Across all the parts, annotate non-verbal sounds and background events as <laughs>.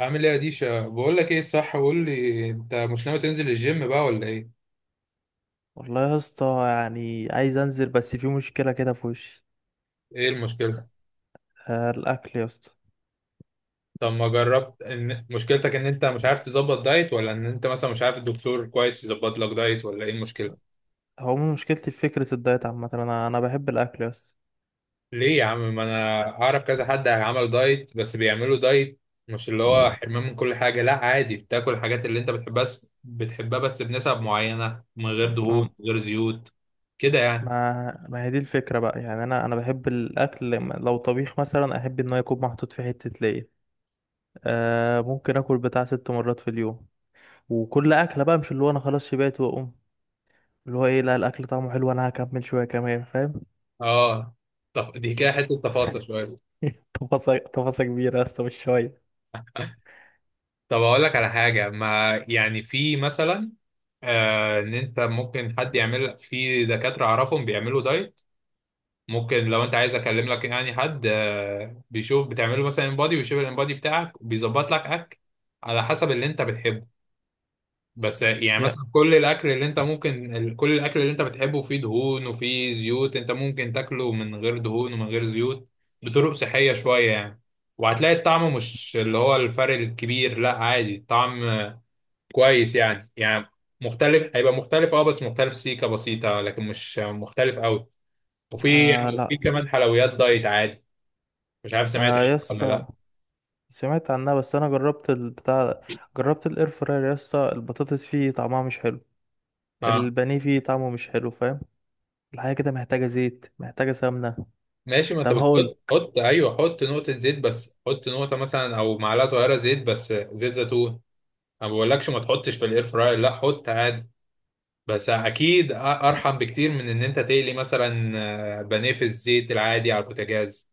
عامل ايه يا ديشا؟ بقول لك ايه، صح، قول لي، انت مش ناوي تنزل الجيم بقى ولا ايه؟ والله يا اسطى، يعني عايز انزل بس في مشكله كده في وشي. ايه المشكله؟ آه، الاكل يا اسطى. طب ما جربت ان مشكلتك ان انت مش عارف تظبط دايت، ولا ان انت مثلا مش عارف الدكتور كويس يظبط لك دايت، ولا ايه المشكله؟ هو من مشكلتي في فكره الدايت عامه، انا بحب الاكل يا اسطى. ليه يا عم؟ ما انا اعرف كذا حد عمل دايت، بس بيعملوا دايت مش اللي هو حرمان من كل حاجه، لا عادي، بتاكل الحاجات اللي انت بتحبها بس بنسب معينه، من غير ما دهون، من غير زيوت، كده يعني. ما هي دي الفكره بقى، يعني انا بحب الاكل. لو طبيخ مثلا، احب ان هو يكون محطوط في حته ليا. آه، ممكن اكل بتاع ست مرات في اليوم، وكل اكله بقى، مش اللي هو انا خلاص شبعت واقوم، اللي هو ايه، لا الاكل طعمه حلو، انا هكمل شويه كمان، فاهم؟ اه. طب دي كده حته <laughs> تفاصيل شويه. تفاصيل تفاصيل كبيره يا اسطى، مش شويه. طب اقول لك على حاجه، ما يعني في مثلا، ان انت ممكن حد يعمل لك، في دكاتره اعرفهم بيعملوا دايت. ممكن لو انت عايز اكلم لك يعني حد بيشوف، بتعمله مثلا انبادي ويشوف الانبادي بتاعك وبيظبط لك اكل على حسب اللي انت بتحبه. بس يعني يا- مثلا كل الاكل اللي انت ممكن كل الاكل اللي انت بتحبه فيه دهون وفيه زيوت، انت ممكن تاكله من غير دهون ومن غير زيوت، بطرق صحيه شويه يعني. وهتلاقي الطعم مش اللي هو الفرق الكبير، لا عادي الطعم كويس يعني، يعني مختلف، هيبقى مختلف اه، بس مختلف سيكة بسيطة لكن مش مختلف قوي. وفي آه وفي لا. كمان حلويات دايت عادي. مش عارف سمعت آه عنها يا ولا اسطى، لا. سمعت عنها بس انا جربت البتاع. جربت الاير فراير يا اسطى، البطاطس فيه طعمها مش حلو، اه البانيه فيه طعمه مش حلو، فاهم؟ الحاجه كده محتاجه زيت، محتاجه سمنه. ماشي، ما انت طب هقول. بتحط، حط ايوه، حط نقطة زيت بس، حط نقطة مثلا او معلقة صغيرة زيت، بس زيت زيتون. انا ما بقولكش ما تحطش في الاير فراير، لا حط عادي، بس اكيد ارحم بكتير من ان انت تقلي مثلا بانيه في الزيت العادي على البوتاجاز،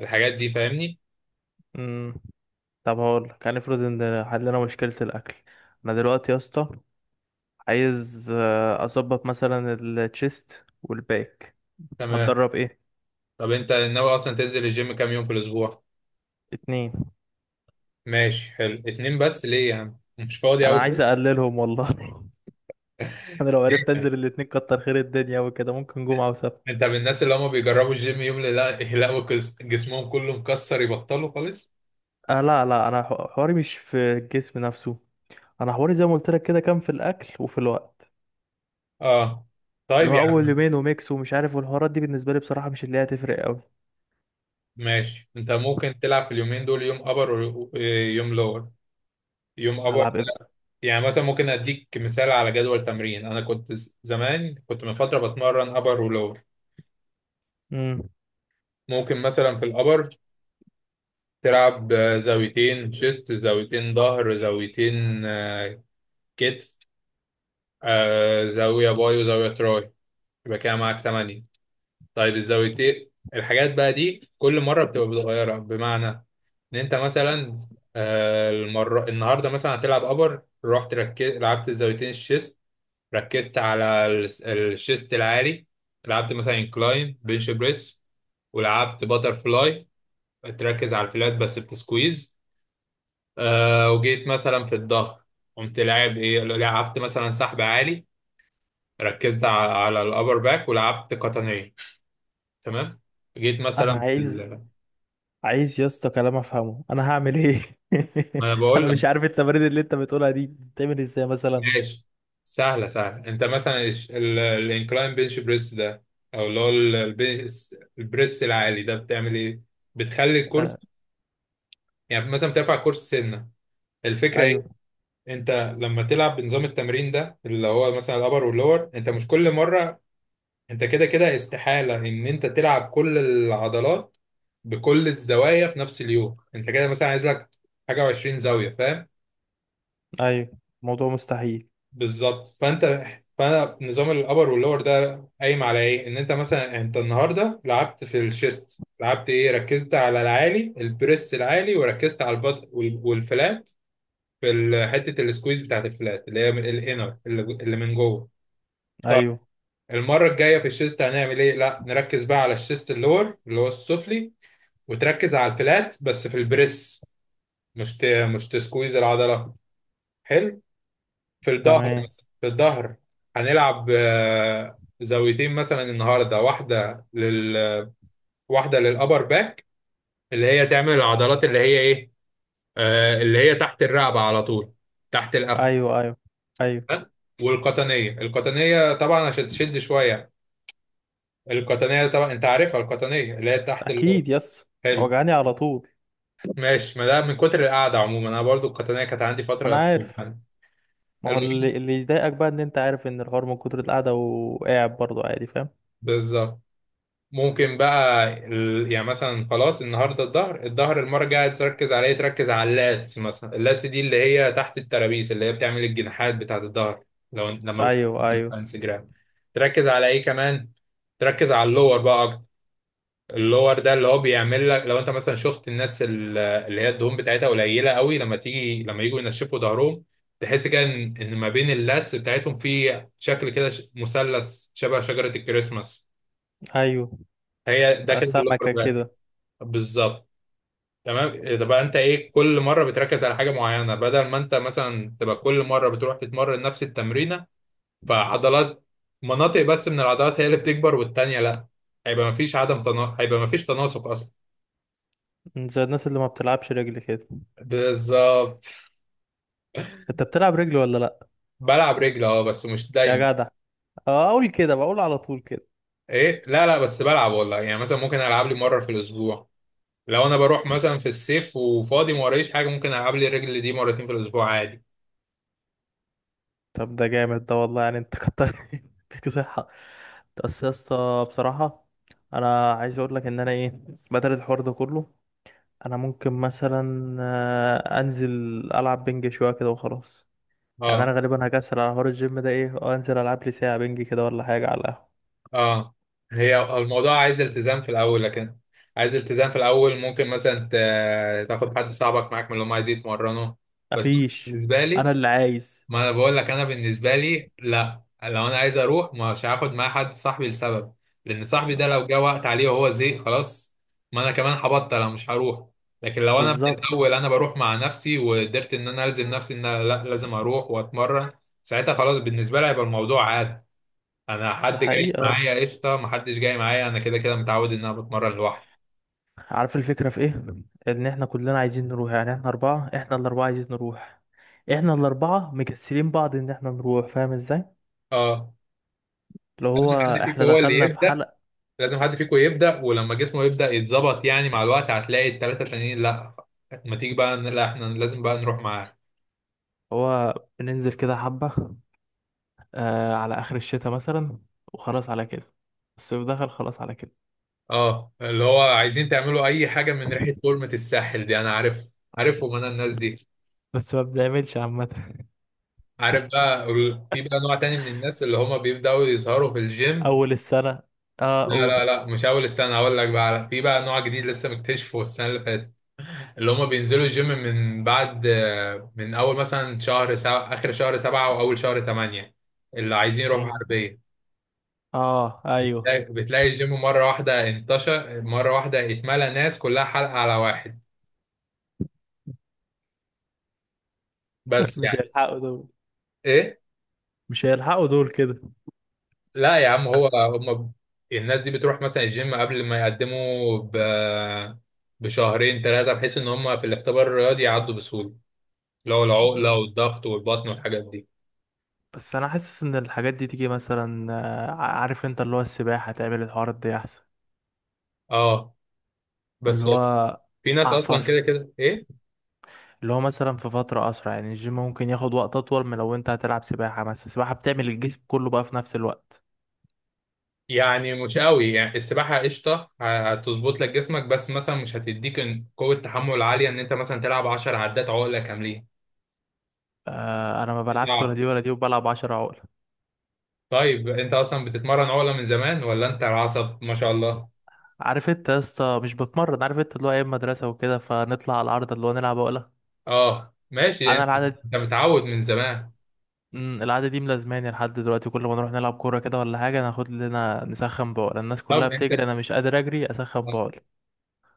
الحاجات دي، فاهمني؟ امم طب هقول، كان افرض ان حلنا مشكله الاكل. انا دلوقتي يا اسطى عايز اظبط مثلا التشيست والباك. تمام. هتدرب ايه؟ طب انت ناوي اصلا تنزل الجيم كام يوم في الاسبوع؟ اتنين. ماشي حلو، اتنين بس ليه يا عم؟ مش فاضي قوي انا عايز كده؟ اقللهم والله. <laughs> انا لو عرفت انزل الاتنين كتر خير الدنيا، وكده ممكن جمعه وسبت. انت من الناس اللي هم بيجربوا الجيم يوم لا يلاقوا جسمهم كله مكسر يبطلوا خالص. آه لا لا، انا حواري مش في الجسم نفسه، انا حواري زي ما قلت لك كده، كان في الاكل وفي الوقت. اه اللي طيب هو يا اول عم. يومين وميكس ومش عارف، والحوارات دي بالنسبه لي بصراحه مش اللي هي هتفرق قوي. ماشي انت ممكن تلعب في اليومين دول يوم ابر ويوم لور. يوم ابر هلعب ايه بقى؟ يعني مثلا ممكن اديك مثال على جدول تمرين، انا كنت زمان كنت من فترة بتمرن ابر ولور. امم ممكن مثلا في الابر تلعب زاويتين شيست، زاويتين ظهر، زاويتين كتف، زاوية باي وزاوية تراي، يبقى كده معاك تمانية. طيب الزاويتين الحاجات بقى دي كل مرة بتبقى متغيرة، بمعنى إن أنت مثلا المرة النهاردة مثلا هتلعب أبر، رحت لعبت الزاويتين الشيست، ركزت على الشيست العالي، لعبت مثلا انكلاين بنش بريس، ولعبت باتر فلاي، تركز على الفلات بس بتسكويز. وجيت مثلا في الظهر، قمت لاعب ايه؟ لعبت مثلا سحب عالي، ركزت على الأبر باك، ولعبت قطنية. تمام. جيت انا مثلا في عايز عايز يا اسطى كلام افهمه، انا هعمل ايه؟ ما أنا <laughs> انا بقول لك. مش عارف التمارين اللي انت بتقولها دي بتعمل ازاي مثلا. ماشي. سهلة سهلة، أنت مثلا الانكلاين بنش بريس ده، أو اللي هو البنش البريس العالي ده بتعمل إيه؟ بتخلي الكرسي، آه. يعني مثلا بترفع الكرسي سنة. الفكرة إيه؟ ايوه. أنت لما تلعب بنظام التمرين ده اللي هو مثلا الأبر واللور، أنت مش كل مرة، انت كده كده استحالة ان انت تلعب كل العضلات بكل الزوايا في نفس اليوم، انت كده مثلا عايز لك حاجة و20 زاوية، فاهم؟ ايوه، موضوع مستحيل. بالظبط. فانت، فانا نظام الابر واللور ده قايم على ايه؟ ان انت مثلا انت النهاردة لعبت في الشيست، لعبت ايه؟ ركزت على العالي، البريس العالي، وركزت على البط والفلات في حتة السكويز بتاعت الفلات اللي هي من الانر اللي من جوه. طيب ايوه. المرة الجاية في الشيست هنعمل ايه؟ لا نركز بقى على الشيست اللور اللي هو السفلي، وتركز على الفلات بس في البريس، مش ت... مش تسكويز العضله. حلو. في الظهر تمام. مثلا، في الظهر هنلعب زاويتين مثلا، النهارده واحده واحده للابر باك اللي هي تعمل العضلات اللي هي ايه؟ اللي هي تحت الرقبه على طول، تحت القفا. ايوه ايوه. ايوه. ها؟ والقطنيه، القطنيه طبعا عشان تشد شويه، القطنيه طبعا انت عارفها، القطنيه اللي هي تحت اللور. اكيد، يس حلو وجعاني على طول. ماشي. ما ده من كتر القعده عموما، انا برضو القطنيه كانت عندي ما انا فتره، عارف. المهم. ما هو اللي يضايقك بقى، ان انت عارف ان الحوار من كتر القعده، وقاعد برضه عادي، فاهم؟ بالظبط. ممكن بقى يعني مثلا خلاص النهارده الظهر، الظهر المره الجايه تركز على ايه؟ تركز على اللاتس مثلا. اللاتس دي اللي هي تحت الترابيس، اللي هي بتعمل الجناحات بتاعت الظهر، لو لما بتشوف ايوه على ايوه انستجرام. تركز على ايه كمان؟ تركز على اللور بقى اكتر. اللور ده اللي هو بيعمل لك، لو انت مثلا شفت الناس اللي هي الدهون بتاعتها قليله قوي، لما تيجي لما يجوا ينشفوا ظهرهم، تحس كده ان ما بين اللاتس بتاعتهم في شكل كده مثلث شبه شجره الكريسماس. ايوه. هي ده كده اللوكر سمكة باك. كده. بالظبط. تمام. ده بقى انت ايه؟ كل مره بتركز على حاجه معينه بدل ما انت مثلا تبقى كل مره بتروح تتمرن نفس التمرينه، فعضلات، مناطق بس من العضلات هي اللي بتكبر والتانيه لا، هيبقى مفيش هيبقى مفيش تناسق اصلا. زي الناس اللي ما بتلعبش رجل كده. بالظبط. انت بتلعب رجل ولا لا؟ بلعب رجل اه بس مش يا دايما. جدع. اه، اقول كده بقول على طول كده. ايه؟ لا لا بس بلعب والله، يعني مثلا ممكن العب لي مره في الاسبوع. لو انا بروح مثلا في الصيف وفاضي ما ورايش حاجه، ممكن العب لي الرجل دي مرتين في الاسبوع عادي. طب ده جامد ده والله، يعني انت كتر <laughs> فيك صحة. بس يا اسطى بصراحة، انا عايز اقول لك ان انا ايه، بدل الحوار ده كله، انا ممكن مثلا انزل العب بنج شوية كده وخلاص. يعني انا اه. غالبا هكسل على حوار الجيم ده ايه، وانزل العب لي ساعة بنج كده ولا حاجة على القهوة. اه. هي الموضوع عايز التزام في الاول، لكن عايز التزام في الاول. ممكن مثلا تاخد حد صاحبك معاك من اللي هم عايزين يتمرنوا. بس أنا مفيش. بالنسبه لي، انا اللي عايز. ما انا بقول لك انا بالنسبه لي، لا لو انا عايز اروح مش هاخد معايا حد صاحبي، لسبب، لان صاحبي ده لو جه وقت عليه وهو زهق خلاص، ما انا كمان هبطل، انا مش هروح. لكن لو انا من بالظبط. الاول انا بروح مع نفسي وقدرت ان انا الزم نفسي ان انا لا لازم اروح واتمرن، ساعتها خلاص بالنسبه لي هيبقى الموضوع عادي. انا ده حد جاي حقيقة. معايا بس قشطه، محدش جاي معايا انا كده كده متعود ان انا بتمرن لوحدي. عارف الفكرة في ايه؟ ان احنا كلنا عايزين نروح، يعني احنا اربعة، احنا الاربعة عايزين نروح، احنا الاربعة مكسلين بعض ان احنا نروح، فاهم ازاي؟ اه. اللي هو، لازم حد فيكم احنا هو اللي دخلنا في يبدا. حلقة. لازم حد فيكم يبدا، ولما جسمه يبدا يتظبط يعني مع الوقت، هتلاقي الثلاثه التانيين لا ما تيجي بقى، لا احنا لازم بقى نروح معاه. هو بننزل كده حبة، آه، على اخر الشتاء مثلا، وخلاص على كده، الصيف دخل خلاص على كده. اه اللي هو عايزين تعملوا اي حاجه من ريحه فورمه الساحل دي، انا عارف، عارفهم انا الناس دي. بس ما بنعملش عامة. عارف بقى في بقى نوع تاني من الناس اللي هما بيبداوا يظهروا في الجيم. اول السنة. اه لا اول. لا لا مش اول السنه، هقول لك بقى في بقى نوع جديد لسه مكتشفه السنه اللي فاتت، اللي هما بينزلوا الجيم من بعد، من اول مثلا شهر سبعة، اخر شهر سبعة واول شهر تمانية، اللي عايزين يروحوا مم. حربية. اه ايوه. بتلاقي الجيم مرة واحدة انتشر، مرة واحدة اتملى ناس، كلها حلقة على واحد. <laughs> بس مش يعني هيلحقوا دول. ايه؟ مش هيلحقوا دول كده. لا يا عم هو الناس دي بتروح مثلا الجيم قبل ما يقدموا بشهرين ثلاثة، بحيث ان هما في الاختبار الرياضي يعدوا بسهولة، اللي هو العقلة والضغط والبطن والحاجات دي. بس انا حاسس ان الحاجات دي تيجي مثلا، عارف انت اللي هو السباحه تعمل الحوارات دي احسن. اه بس اللي هو. في ناس اصلا كده عفف. كده ايه. اللي هو مثلا في فتره اسرع، يعني الجيم ممكن ياخد وقت اطول من لو انت هتلعب سباحه مثلا، السباحه بتعمل الجسم كله بقى في نفس الوقت. يعني مش قوي يعني، السباحة قشطة هتظبط لك جسمك بس مثلا مش هتديك قوة تحمل عالية ان انت مثلا تلعب 10 عدات عقلة كاملين. آه، انا ما بلعبش ولا صعب. دي ولا دي، وبلعب 10 عقله. طيب انت اصلا بتتمرن عقلة من زمان ولا انت العصب ما شاء الله؟ عارف انت يا اسطى مش بتمرن، عارف انت اللي هو ايام مدرسه وكده، فنطلع على العرض اللي هو نلعب عقله. اه ماشي. انا انت العاده دي- انت متعود من زمان. العاده دي ملازماني لحد دلوقتي، كل ما نروح نلعب كوره كده ولا حاجه، ناخد لنا نسخن بعقله، الناس كلها طب انت بتجري، انا مش قادر اجري اسخن بعقله.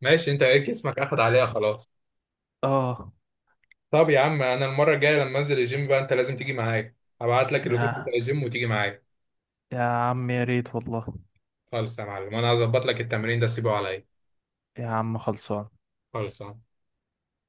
ماشي، انت ايه جسمك اخد عليها خلاص. اه. طب يا عم انا المرة الجاية لما انزل الجيم بقى انت لازم تيجي معايا، هبعت لك اللوكيشن بتاع يا الجيم وتيجي معايا. يا عم يا ريت والله. خالص يا معلم، انا هظبط لك التمرين ده سيبه عليا، يا عم خلصان. خالص.